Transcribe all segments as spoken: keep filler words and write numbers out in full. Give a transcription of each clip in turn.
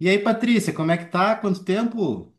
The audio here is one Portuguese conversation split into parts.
E aí, Patrícia, como é que tá? Quanto tempo?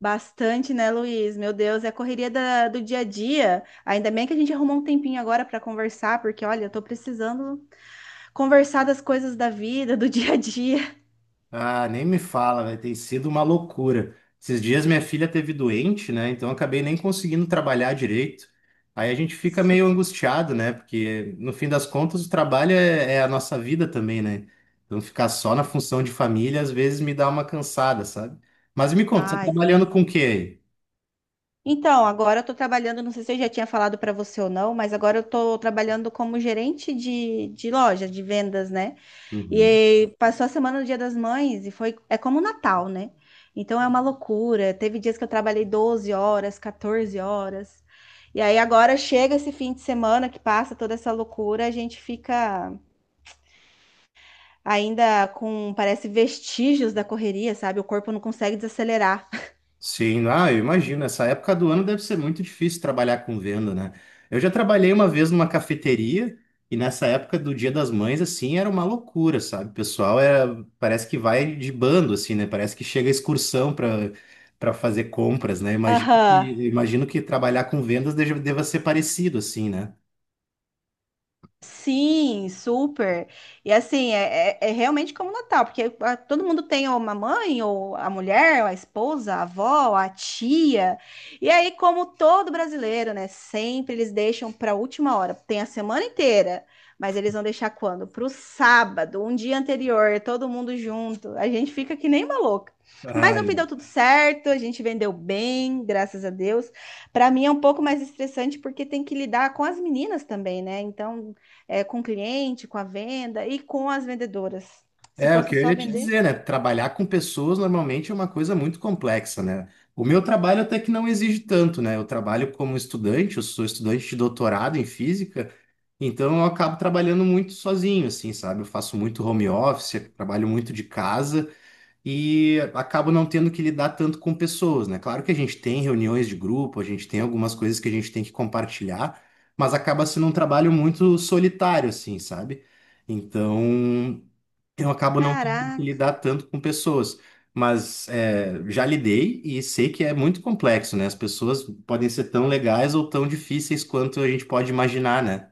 Bastante, né, Luiz? Meu Deus, é a correria da- do dia a dia. Ainda bem que a gente arrumou um tempinho agora para conversar, porque olha, eu tô precisando conversar das coisas da vida, do dia a dia. Ah, nem me fala, velho. Tem sido uma loucura. Esses dias minha filha teve doente, né? Então eu acabei nem conseguindo trabalhar direito. Aí a gente fica meio angustiado, né? Porque no fim das contas o trabalho é, é a nossa vida também, né? Então ficar só na função de família às vezes me dá uma cansada, sabe? Mas me conta, você tá Ai. trabalhando com o quê Então, agora eu tô trabalhando, não sei se eu já tinha falado para você ou não, mas agora eu tô trabalhando como gerente de, de loja, de vendas, né? E aí? aí, passou a semana do Dia das Mães e foi, é como o Natal, né? Então é uma loucura. Teve dias que eu trabalhei doze horas, quatorze horas. E aí agora chega esse fim de semana que passa toda essa loucura, a gente fica ainda com, parece, vestígios da correria, sabe? O corpo não consegue desacelerar. Sim, ah, eu imagino. Essa época do ano deve ser muito difícil trabalhar com venda, né? Eu já trabalhei uma vez numa cafeteria e nessa época do Dia das Mães, assim, era uma loucura, sabe? O pessoal era, parece que vai de bando, assim, né? Parece que chega excursão para para fazer compras, né? Imagino que, Aham. imagino que trabalhar com vendas deja- deva ser parecido, assim, né? Sim, super. E assim, é, é, é realmente como Natal, porque ah, todo mundo tem ou uma mãe, ou a mulher, ou a esposa, a avó, a tia. E aí, como todo brasileiro, né? Sempre eles deixam para a última hora. Tem a semana inteira, mas eles vão deixar quando? Para o sábado, um dia anterior, todo mundo junto. A gente fica que nem uma louca. Mas Ah, no fim deu tudo certo, a gente vendeu bem, graças a Deus. Para mim é um pouco mais estressante porque tem que lidar com as meninas também, né? Então é, com o cliente, com a venda e com as vendedoras. Se é, o fosse que eu só ia te vender, dizer, né? Trabalhar com pessoas normalmente é uma coisa muito complexa, né? O meu trabalho até que não exige tanto, né? Eu trabalho como estudante, eu sou estudante de doutorado em física, então eu acabo trabalhando muito sozinho, assim, sabe? Eu faço muito home office, trabalho muito de casa e acabo não tendo que lidar tanto com pessoas, né? Claro que a gente tem reuniões de grupo, a gente tem algumas coisas que a gente tem que compartilhar, mas acaba sendo um trabalho muito solitário, assim, sabe? Então eu acabo não tendo que caraca, lidar tanto com pessoas, mas é, já lidei e sei que é muito complexo, né? As pessoas podem ser tão legais ou tão difíceis quanto a gente pode imaginar, né?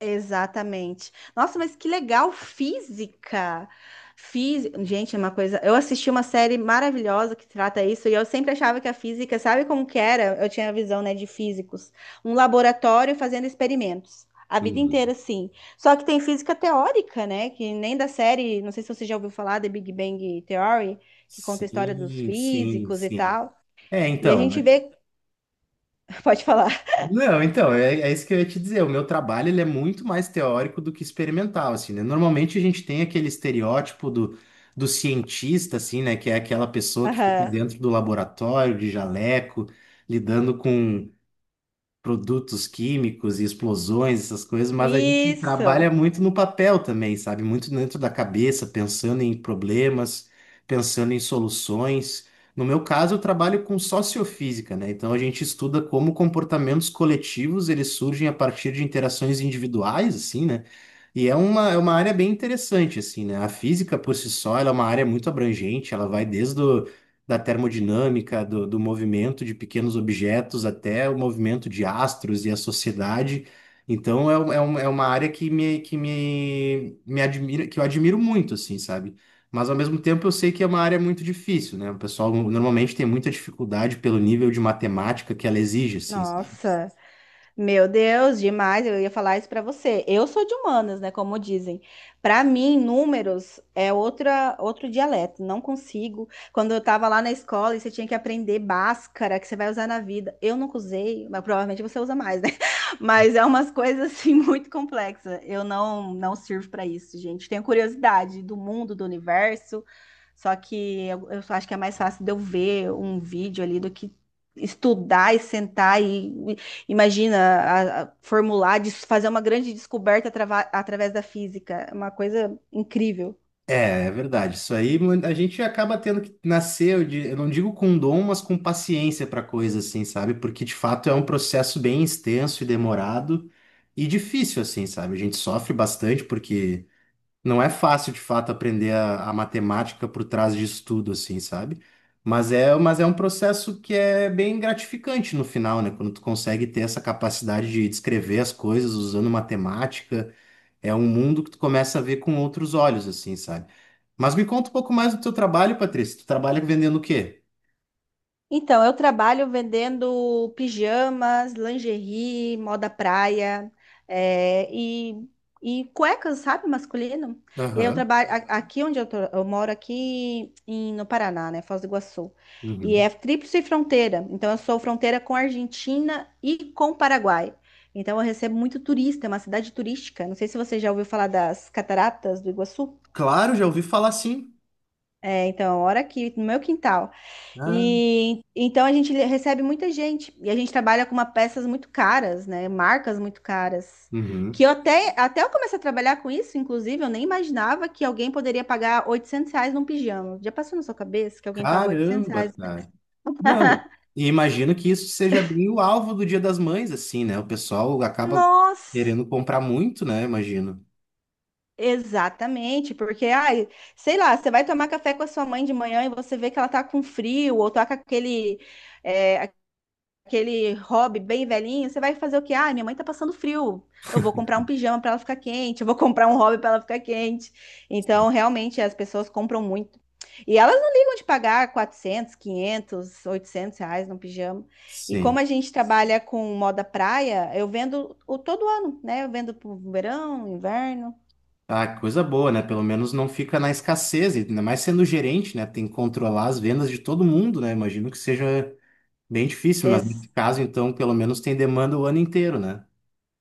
exatamente. Nossa, mas que legal, física. Física, gente, é uma coisa. Eu assisti uma série maravilhosa que trata isso e eu sempre achava que a física, sabe como que era? Eu tinha a visão, né, de físicos, um laboratório fazendo experimentos. A vida Uhum. inteira, sim. Só que tem física teórica, né? Que nem da série, não sei se você já ouviu falar, da Big Bang Theory, que conta a história dos Sim, sim, físicos e sim. tal. É, E a então, gente né? vê. Pode falar. Não, então, é, é isso que eu ia te dizer. O meu trabalho, ele é muito mais teórico do que experimental, assim, né? Normalmente a gente tem aquele estereótipo do, do cientista, assim, né? Que é aquela pessoa que fica Aham. dentro do laboratório, de jaleco, lidando com produtos químicos e explosões, essas coisas, mas a gente Isso. trabalha muito no papel também, sabe? Muito dentro da cabeça, pensando em problemas, pensando em soluções. No meu caso, eu trabalho com sociofísica, né? Então a gente estuda como comportamentos coletivos eles surgem a partir de interações individuais, assim, né? E é uma, é uma área bem interessante, assim, né? A física por si só, ela é uma área muito abrangente, ela vai desde o da termodinâmica, do, do movimento de pequenos objetos até o movimento de astros e a sociedade. Então é, um- é, um- é uma área que me, que me, me admira, que eu admiro muito, assim, sabe? Mas ao mesmo tempo eu sei que é uma área muito difícil, né? O pessoal normalmente tem muita dificuldade pelo nível de matemática que ela exige, assim, Nossa. Meu Deus, demais. Eu ia falar isso pra você. Eu sou de humanas, né? Como dizem. Pra mim, números é outra, outro dialeto. Não consigo. Quando eu tava lá na escola e você tinha que aprender Bhaskara, que você vai usar na vida. Eu nunca usei, mas provavelmente você usa mais, né? Mas é umas coisas assim muito complexas. Eu não, não sirvo pra isso, gente. Tenho curiosidade do mundo, do universo. Só que eu, eu só acho que é mais fácil de eu ver um vídeo ali do que estudar e sentar e imagina, a- a formular, des- fazer uma grande descoberta atrava- através da física. É uma coisa incrível. é, é verdade. Isso aí mu- a gente acaba tendo que nascer, eu di- eu não digo com dom, mas com paciência para coisa assim, sabe? Porque de fato é um processo bem extenso e demorado e difícil assim, sabe? A gente sofre bastante porque não é fácil de fato aprender a, a matemática por trás disso tudo assim, sabe? Mas é, mas é um processo que é bem gratificante no final, né? Quando tu consegue ter essa capacidade de descrever as coisas usando matemática é um mundo que tu começa a ver com outros olhos, assim, sabe? Mas me conta um pouco mais do teu trabalho, Patrícia. Tu trabalha vendendo o quê? Então, eu trabalho vendendo pijamas, lingerie, moda praia, é, e, e cuecas, sabe, masculino. E aí eu Aham. trabalho a- aqui onde eu, tô- eu moro aqui em- no Paraná, né, Foz do Iguaçu. E Uhum. é tríplice fronteira. Então, eu sou fronteira com a Argentina e com o Paraguai. Então, eu recebo muito turista, é uma cidade turística. Não sei se você já ouviu falar das Cataratas do Iguaçu. Claro, já ouvi falar sim. É, então, ora aqui no meu quintal. Ah, E então a gente recebe muita gente e a gente trabalha com uma peças muito caras, né? Marcas muito caras. uhum. Que eu até, até eu comecei a trabalhar com isso, inclusive, eu nem imaginava que alguém poderia pagar oitocentos reais num pijama. Já passou na sua cabeça que alguém paga oitocentos Caramba, reais? cara. Não, e imagino que isso seja bem o alvo do Dia das Mães, assim, né? O pessoal acaba Nossa! querendo comprar muito, né? Imagino. Exatamente, porque, ai, sei lá, você vai tomar café com a sua mãe de manhã e você vê que ela tá com frio ou tá com aquele, é, aquele hobby bem velhinho, você vai fazer o quê? Ah, minha mãe tá passando frio. Eu vou comprar um pijama para ela ficar quente, eu vou comprar um hobby para ela ficar quente. Então, Sim. realmente, as pessoas compram muito. E elas não ligam de pagar quatrocentos quinhentos oitocentos reais no pijama. E como Sim. a gente trabalha com moda praia, eu vendo o todo ano, né? Eu vendo pro verão, inverno. Ah, que coisa boa, né? Pelo menos não fica na escassez, e ainda mais sendo gerente, né? Tem que controlar as vendas de todo mundo, né? Imagino que seja bem difícil, mas Ex- nesse caso, então, pelo menos tem demanda o ano inteiro, né?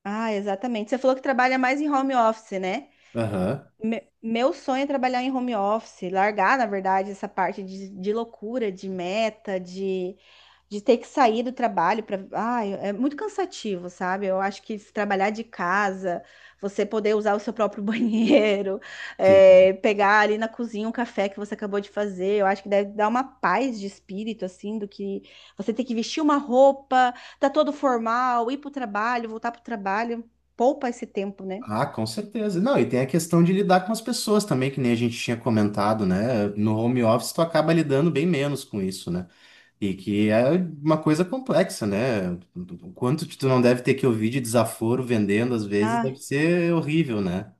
ah, exatamente. Você falou que trabalha mais em home office, né? Aham. Me- Meu sonho é trabalhar em home office, largar, na verdade, essa parte de, de loucura, de meta, de, de ter que sair do trabalho para. Ai, é muito cansativo, sabe? Eu acho que se trabalhar de casa, você poder usar o seu próprio banheiro, Sim. é, pegar ali na cozinha um café que você acabou de fazer, eu acho que deve dar uma paz de espírito, assim, do que você ter que vestir uma roupa, tá todo formal, ir pro trabalho, voltar pro trabalho. Poupa esse tempo, né? Ah, com certeza. Não, e tem a questão de lidar com as pessoas também, que nem a gente tinha comentado, né? No home office, tu acaba lidando bem menos com isso, né? E que é uma coisa complexa, né? O quanto tu não deve ter que ouvir de desaforo vendendo, às vezes, deve Ah. ser horrível, né?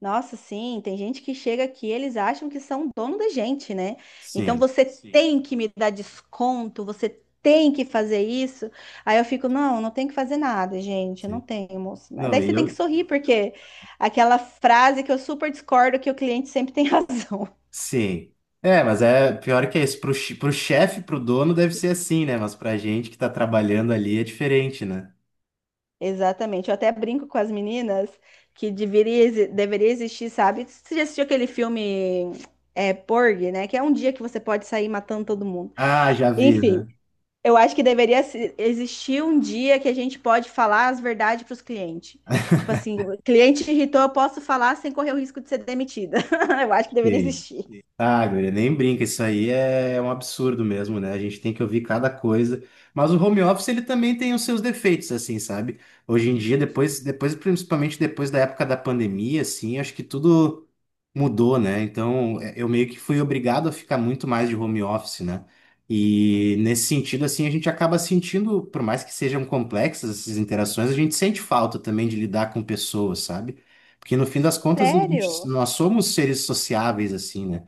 Nossa, sim, tem gente que chega aqui, eles acham que são dono da gente, né? Então Sim, você Sim. tem que me dar desconto, você tem que fazer isso. Aí eu fico, não, não tem que fazer nada, gente, eu não sim. tenho, moço. Mas Não, daí e você tem que eu, sorrir, porque aquela frase que eu super discordo que o cliente sempre tem razão. sim. É, mas é pior que isso. Pro, che- pro chefe, pro dono, deve ser assim, né? Mas pra gente que tá trabalhando ali é diferente, né? Exatamente. Eu até brinco com as meninas que deveria, exi- deveria existir, sabe? Você já assistiu aquele filme é, Porgy, né? Que é um dia que você pode sair matando todo mundo. Ah, já vi, Enfim. né? Eu acho que deveria se- existir um dia que a gente pode falar as verdades para os clientes. Tipo assim, o cliente irritou, eu posso falar sem correr o risco de ser demitida. Eu acho que deveria Sim. existir. Ah, guria, nem brinca, isso aí é um absurdo mesmo, né? A gente tem que ouvir cada coisa. Mas o home office, ele também tem os seus defeitos, assim, sabe? Hoje em dia, depois, depois, principalmente depois da época da pandemia, assim, acho que tudo mudou, né? Então, é- eu meio que fui obrigado a ficar muito mais de home office, né? E nesse sentido, assim, a gente acaba sentindo, por mais que sejam complexas essas interações, a gente sente falta também de lidar com pessoas, sabe? Porque no fim das contas, a gente- Sério? nós somos seres sociáveis, assim, né?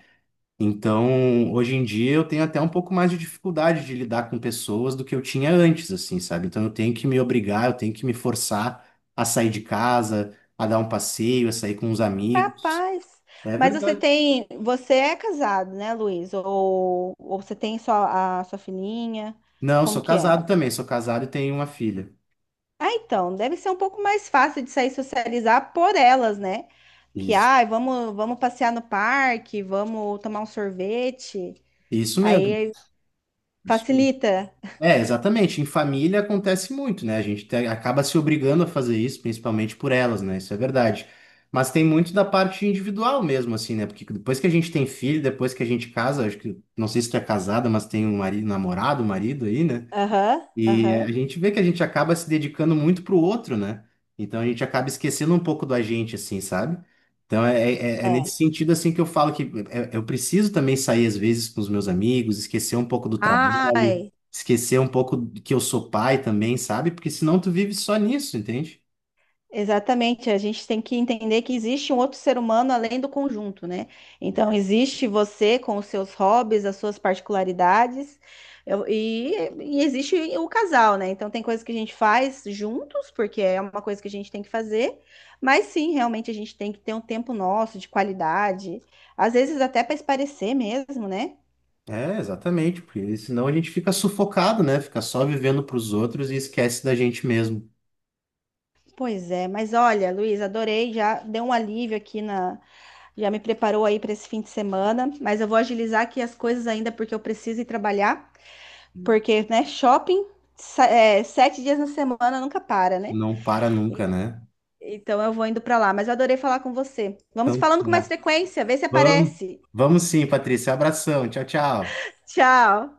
Então, hoje em dia eu tenho até um pouco mais de dificuldade de lidar com pessoas do que eu tinha antes, assim, sabe? Então eu tenho que me obrigar, eu tenho que me forçar a sair de casa, a dar um passeio, a sair com os amigos. Capaz. É Mas você verdade. tem, você é casado, né, Luiz? Ou, ou você tem só a sua filhinha? Não, Como sou que é? casado também, sou casado e tenho uma filha. Ah, então, deve ser um pouco mais fácil de sair socializar por elas, né? Que, Isso. ai, vamos, vamos passear no parque, vamos tomar um sorvete. Isso mesmo. Aí. Facilita. É, exatamente. Em família acontece muito, né? A gente te- acaba se obrigando a fazer isso, principalmente por elas, né? Isso é verdade. Mas tem muito da parte individual mesmo, assim, né? Porque depois que a gente tem filho, depois que a gente casa, acho que, não sei se tu é casada, mas tem um marido, namorado, marido aí, né? Aham, E a aham. gente vê que a gente acaba se dedicando muito pro outro, né? Então a gente acaba esquecendo um pouco da gente, assim, sabe? Então é, é- é nesse É. sentido, assim, que eu falo que é- eu preciso também sair às vezes com os meus amigos, esquecer um pouco do Ai, trabalho, esquecer um pouco de que eu sou pai também, sabe? Porque senão tu vive só nisso, entende? exatamente, a gente tem que entender que existe um outro ser humano além do conjunto, né? Então, existe você com os seus hobbies, as suas particularidades, eu- e, e existe o casal, né? Então, tem coisas que a gente faz juntos, porque é uma coisa que a gente tem que fazer, mas sim, realmente a gente tem que ter um tempo nosso de qualidade, às vezes até para espairecer mesmo, né? É, exatamente, porque senão a gente fica sufocado, né? Fica só vivendo pros outros e esquece da gente mesmo. Pois é, mas olha, Luiz, adorei, já deu um alívio aqui na, já me preparou aí para esse fim de semana, mas eu vou agilizar aqui as coisas ainda porque eu preciso ir trabalhar, porque, né, shopping, sa- é, sete dias na semana nunca para, né? Não para E- nunca, né? Então eu vou indo para lá, mas eu adorei falar com você. Vamos Então, falando com mais frequência, vê se vamos, aparece. vamos sim, Patrícia. Abração. Tchau, tchau. Tchau.